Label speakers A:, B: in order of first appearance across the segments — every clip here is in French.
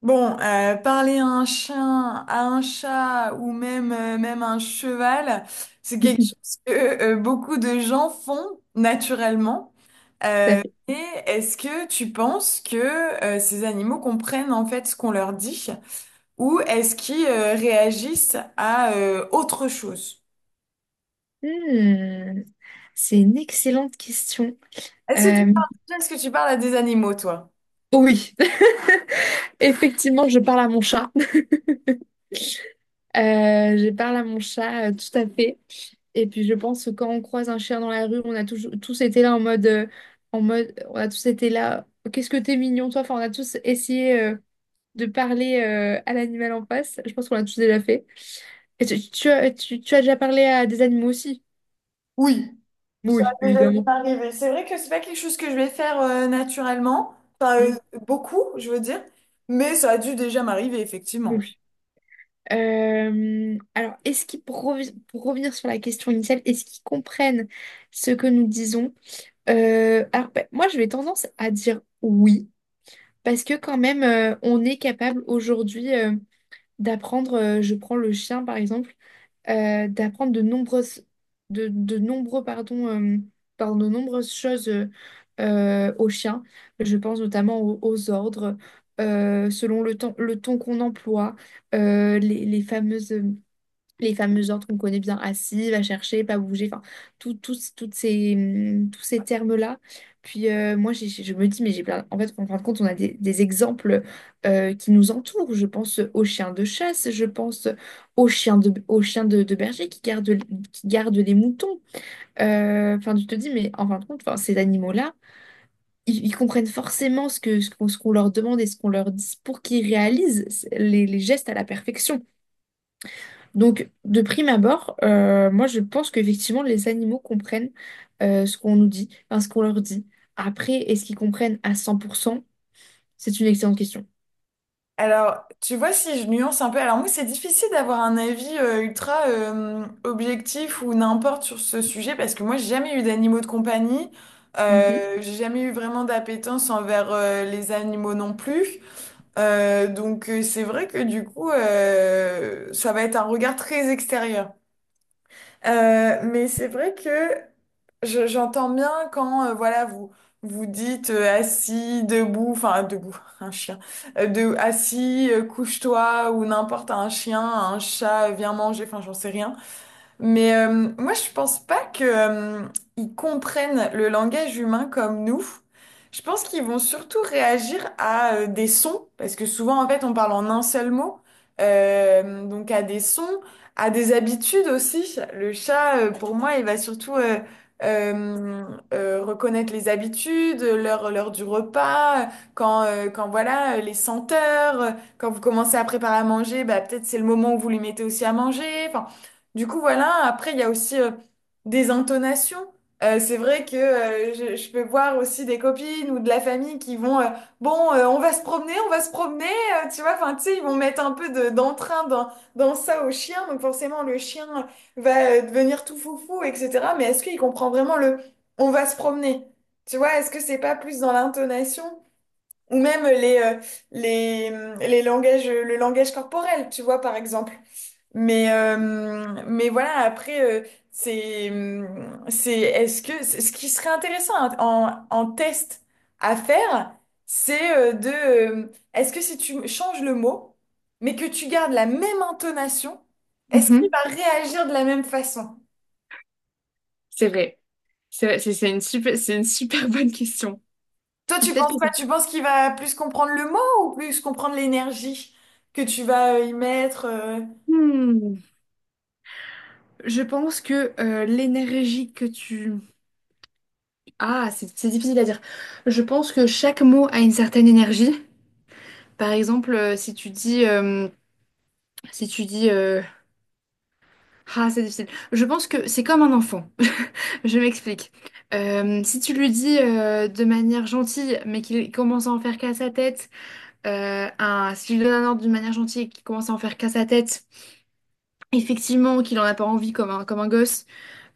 A: Bon, parler à un chien, à un chat ou même, même un cheval, c'est quelque
B: Tout
A: chose que beaucoup de gens font naturellement.
B: à
A: Euh,
B: fait.
A: et est-ce que tu penses que ces animaux comprennent en fait ce qu'on leur dit ou est-ce qu'ils réagissent à autre chose?
B: Hmm, c'est une excellente question.
A: Est-ce que tu
B: Euh,
A: parles, est-ce que tu parles à des animaux, toi?
B: oh oui, effectivement, je parle à mon chat. Je parle à mon chat, tout à fait. Et puis, je pense que quand on croise un chien dans la rue, on a toujours, tous été là en mode, on a tous été là. Qu'est-ce que t'es mignon, toi? Enfin, on a tous essayé de parler à l'animal en face. Je pense qu'on l'a tous déjà fait. Et tu as déjà parlé à des animaux aussi?
A: Oui. Ça
B: Oui,
A: a déjà dû
B: évidemment.
A: m'arriver. C'est vrai que c'est pas quelque chose que je vais faire naturellement, enfin euh, beaucoup, je veux dire, mais ça a dû déjà m'arriver,
B: Hmm.
A: effectivement.
B: Alors, est-ce qu'ils, pour, revi- pour revenir sur la question initiale, est-ce qu'ils comprennent ce que nous disons? Moi, je vais tendance à dire oui, parce que quand même, on est capable aujourd'hui d'apprendre, je prends le chien par exemple, d'apprendre de nombreuses, de nombreux, pardon, pardon, de nombreuses choses au chien. Je pense notamment aux ordres, euh, selon le ton qu'on emploie, euh, les fameux ordres qu'on connaît bien, assis, va chercher, pas bouger, enfin, toutes ces, tous ces termes-là. Puis moi, je me dis, mais j'ai plein. En fait, en fin de compte, on a des exemples qui nous entourent. Je pense aux chiens de chasse, je pense de berger qui gardent les moutons. Enfin, tu te dis, mais en fin de compte, enfin, ces animaux-là, ils comprennent forcément ce qu'on leur demande et ce qu'on leur dit pour qu'ils réalisent les gestes à la perfection. Donc, de prime abord, moi je pense qu'effectivement les animaux comprennent ce qu'on nous dit, enfin, ce qu'on leur dit. Après, est-ce qu'ils comprennent à 100%? C'est une excellente question.
A: Alors, tu vois, si je nuance un peu, alors moi, c'est difficile d'avoir un avis ultra objectif ou n'importe sur ce sujet, parce que moi, j'ai jamais eu d'animaux de compagnie,
B: Mhm.
A: j'ai jamais eu vraiment d'appétence envers les animaux non plus. Donc, c'est vrai que du coup, ça va être un regard très extérieur. Mais c'est vrai que j'entends bien quand voilà vous dites assis, debout, enfin debout, un chien, de assis, couche-toi ou n'importe un chien, un chat, viens manger, enfin j'en sais rien. Mais moi, je pense pas que ils comprennent le langage humain comme nous. Je pense qu'ils vont surtout réagir à des sons, parce que souvent, en fait, on parle en un seul mot. Donc à des sons, à des habitudes aussi. Le chat, pour moi, il va surtout euh, reconnaître les habitudes, l'heure, l'heure du repas, quand, quand voilà, les senteurs, quand vous commencez à préparer à manger, bah, peut-être c'est le moment où vous lui mettez aussi à manger. Enfin, du coup, voilà, après, il y a aussi des intonations. C'est vrai que je peux voir aussi des copines ou de la famille qui vont, bon, on va se promener, on va se promener, tu vois, enfin, tu sais, ils vont mettre un peu d'entrain dans ça au chien, donc forcément, le chien va devenir tout foufou, etc. Mais est-ce qu'il comprend vraiment le on va se promener? Tu vois, est-ce que c'est pas plus dans l'intonation? Ou même les, les langages, le langage corporel, tu vois, par exemple. Mais, euh, mais voilà, après, c'est, est-ce que, ce qui serait intéressant en test à faire, c'est est-ce que si tu changes le mot, mais que tu gardes la même intonation, est-ce qu'il
B: Mhm.
A: va réagir de la même façon?
B: C'est vrai. C'est une super bonne question.
A: Toi, tu
B: Peut-être
A: penses
B: que ça...
A: quoi? Tu penses qu'il va plus comprendre le mot ou plus comprendre l'énergie que tu vas y mettre?
B: Hmm. Je pense que l'énergie que tu... Ah, c'est difficile à dire. Je pense que chaque mot a une certaine énergie. Par exemple, si tu dis, si tu dis Ah, c'est difficile. Je pense que c'est comme un enfant. Je m'explique. Si tu lui dis de manière gentille, mais qu'il commence à en faire qu'à sa tête, un, Si tu lui donnes un ordre d'une manière gentille et qu'il commence à en faire qu'à sa tête, effectivement, qu'il en a pas envie comme un gosse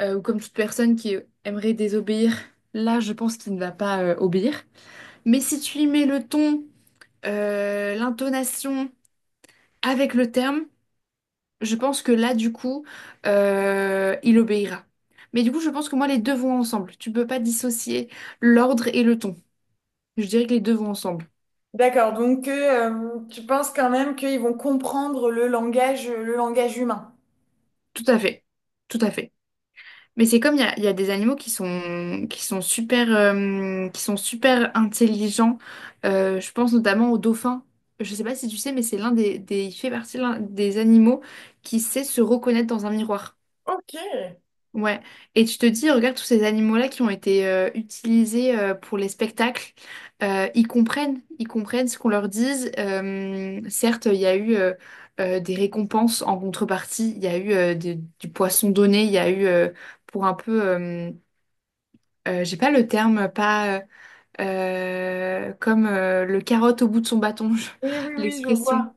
B: ou comme toute personne qui aimerait désobéir, là, je pense qu'il ne va pas obéir. Mais si tu lui mets le ton, l'intonation avec le terme, je pense que là, du coup, il obéira. Mais du coup, je pense que moi, les deux vont ensemble. Tu peux pas dissocier l'ordre et le ton. Je dirais que les deux vont ensemble.
A: D'accord, donc tu penses quand même qu'ils vont comprendre le langage humain.
B: Tout à fait. Tout à fait. Mais c'est comme il y a des animaux qui sont super intelligents. Je pense notamment aux dauphins. Je sais pas si tu sais, mais c'est il fait partie l'un des animaux qui sait se reconnaître dans un miroir.
A: Ok.
B: Ouais, et tu te dis, regarde tous ces animaux-là qui ont été utilisés pour les spectacles, ils comprennent ce qu'on leur dise. Certes, il y a eu des récompenses en contrepartie, il y a eu du poisson donné, il y a eu pour un peu, euh, j'ai pas le terme, pas comme le carotte au bout de son bâton,
A: Oui, oui, oui, je
B: l'expression,
A: vois.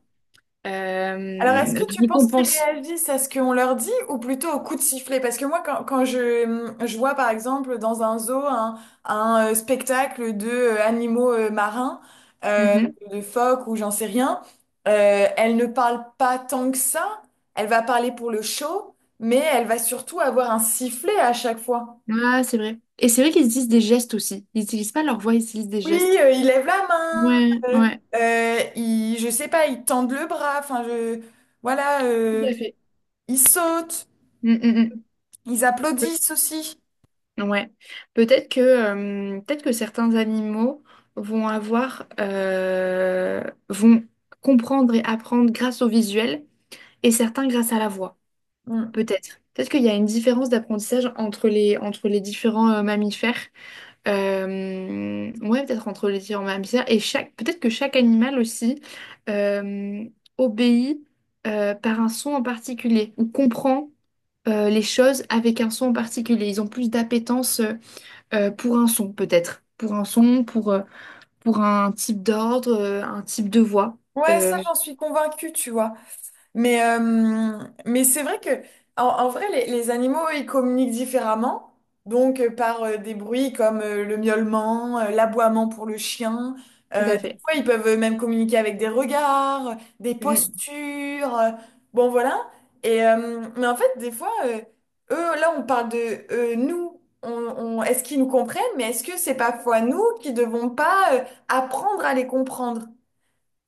B: Euh,
A: Alors, est-ce
B: la
A: que tu penses qu'ils
B: récompense.
A: réagissent à ce qu'on leur dit ou plutôt au coup de sifflet? Parce que moi, quand je je vois, par exemple, dans un zoo, spectacle de animaux marins, euh, de phoques ou j'en sais rien, elle ne parle pas tant que ça. Elle va parler pour le show, mais elle va surtout avoir un sifflet à chaque fois.
B: Ah, c'est vrai. Et c'est vrai qu'ils utilisent des gestes aussi. Ils n'utilisent pas leur voix, ils utilisent des
A: Oui,
B: gestes.
A: il lève la main,
B: Ouais,
A: euh,
B: ouais,
A: il, je sais pas, il tend le bras, voilà,
B: tout à fait.
A: ils sautent,
B: Mm, mm, mm.
A: ils applaudissent aussi.
B: Peut... ouais. Peut-être que certains animaux vont avoir, euh, vont comprendre et apprendre grâce au visuel et certains grâce à la voix.
A: Mm.
B: Peut-être. Peut-être qu'il y a une différence d'apprentissage entre les différents mammifères. Ouais, peut-être entre les différents mammifères. Peut-être que chaque animal aussi euh, obéit par un son en particulier ou comprend les choses avec un son en particulier. Ils ont plus d'appétence pour un son, peut-être. Pour, pour un type d'ordre, un type de voix.
A: Ouais, ça,
B: Euh,
A: j'en suis convaincue, tu vois. Mais, euh, mais c'est vrai que, en vrai, les animaux, ils communiquent différemment. Donc, par des bruits comme le miaulement, l'aboiement pour le chien.
B: Tout à
A: Des
B: fait.
A: fois, ils peuvent même communiquer avec des regards, des
B: Mm.
A: postures. Bon, voilà. Et, mais en fait, des fois, eux, là, on parle de nous. Est-ce qu'ils nous comprennent? Mais est-ce que c'est parfois nous qui devons pas apprendre à les comprendre?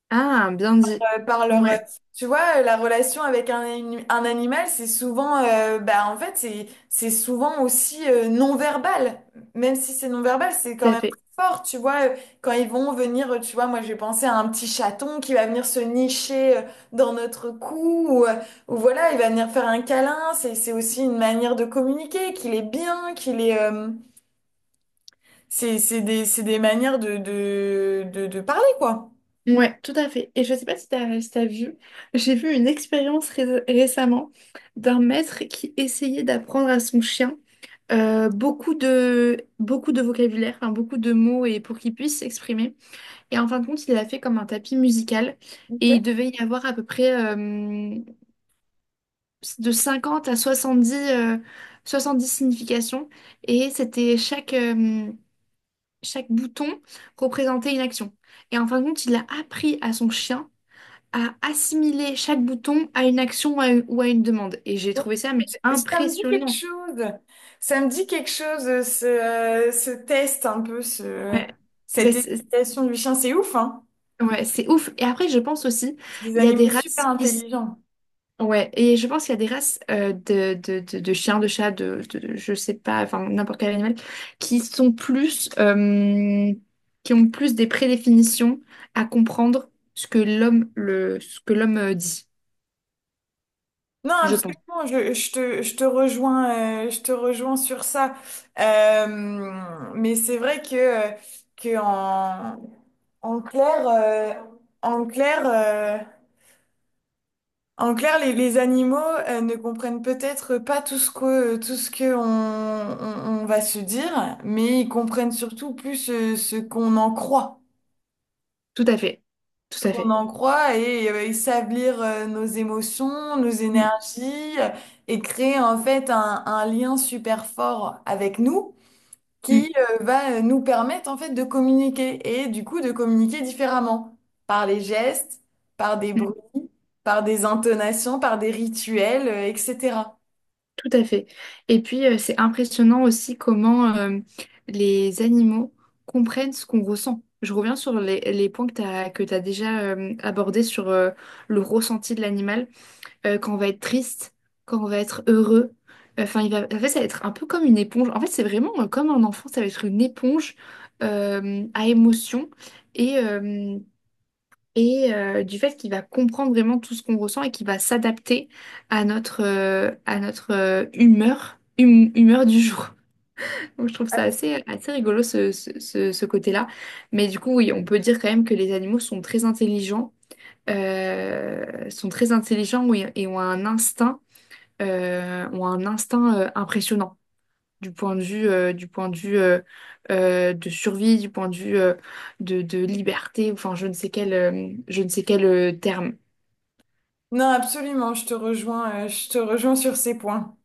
B: Ah, bien dit.
A: Par leur
B: Ouais,
A: Tu vois la relation avec un animal, c'est souvent bah en fait c'est souvent aussi non verbal, même si c'est non verbal c'est
B: tout
A: quand
B: à
A: même
B: fait.
A: très fort, tu vois quand ils vont venir tu vois moi j'ai pensé à un petit chaton qui va venir se nicher dans notre cou ou voilà il va venir faire un câlin, c'est aussi une manière de communiquer qu'il est bien qu'il est c'est des manières de parler quoi.
B: Ouais, tout à fait. Et je sais pas si t'as vu, j'ai vu une expérience récemment d'un maître qui essayait d'apprendre à son chien euh, beaucoup de vocabulaire, enfin, beaucoup de mots et pour qu'il puisse s'exprimer. Et en fin de compte, il l'a fait comme un tapis musical et il devait y avoir à peu près de 50 à 70, 70 significations. Et c'était chaque, euh, Chaque bouton représentait une action. Et en fin de compte, il a appris à son chien à assimiler chaque bouton à une action ou à une demande. Et j'ai
A: Ouais,
B: trouvé ça mais
A: ça me dit quelque
B: impressionnant.
A: chose. Ça me dit quelque chose, ce test un peu,
B: Ouais. Ben,
A: cette
B: c'est
A: éducation du chien. C'est ouf, hein?
B: ouais, c'est ouf. Et après, je pense aussi,
A: C'est des
B: il y a des
A: animaux super
B: races qui... s-
A: intelligents.
B: Ouais, et je pense qu'il y a des races euh, de chiens, de chats, je sais pas, enfin n'importe quel animal, qui sont plus... qui ont plus des prédéfinitions à comprendre ce que l'homme dit,
A: Non,
B: je pense.
A: absolument, je te rejoins sur ça. Mais c'est vrai que, que en, en clair, euh, en clair, euh, en clair, les animaux ne comprennent peut-être pas tout ce que on va se dire, mais ils comprennent surtout plus ce qu'on en croit,
B: Tout à fait. Tout
A: ce
B: à
A: qu'on
B: fait.
A: en croit, et ils savent lire nos émotions, nos énergies, et créer en fait un lien super fort avec nous
B: Mm,
A: qui va nous permettre en fait de communiquer et du coup de communiquer différemment par les gestes, par des
B: mm,
A: bruits, par des intonations, par des rituels, etc.
B: tout à fait. Et puis, c'est impressionnant aussi comment les animaux comprennent ce qu'on ressent. Je reviens sur les points que tu déjà abordés sur le ressenti de l'animal. Quand on va être triste, quand on va être heureux. Enfin, il va, en fait, ça va être un peu comme une éponge. En fait, c'est vraiment comme un enfant, ça va être une éponge à émotion. Et, euh, du fait qu'il va comprendre vraiment tout ce qu'on ressent et qu'il va s'adapter à notre humeur, humeur du jour. Donc je trouve ça assez, assez rigolo ce côté-là. Mais du coup, oui, on peut dire quand même que les animaux sont très intelligents, et ont un instinct, impressionnant du point de vue de survie, du point de vue de liberté, enfin je ne sais quel terme.
A: Non, absolument, je te rejoins sur ces points.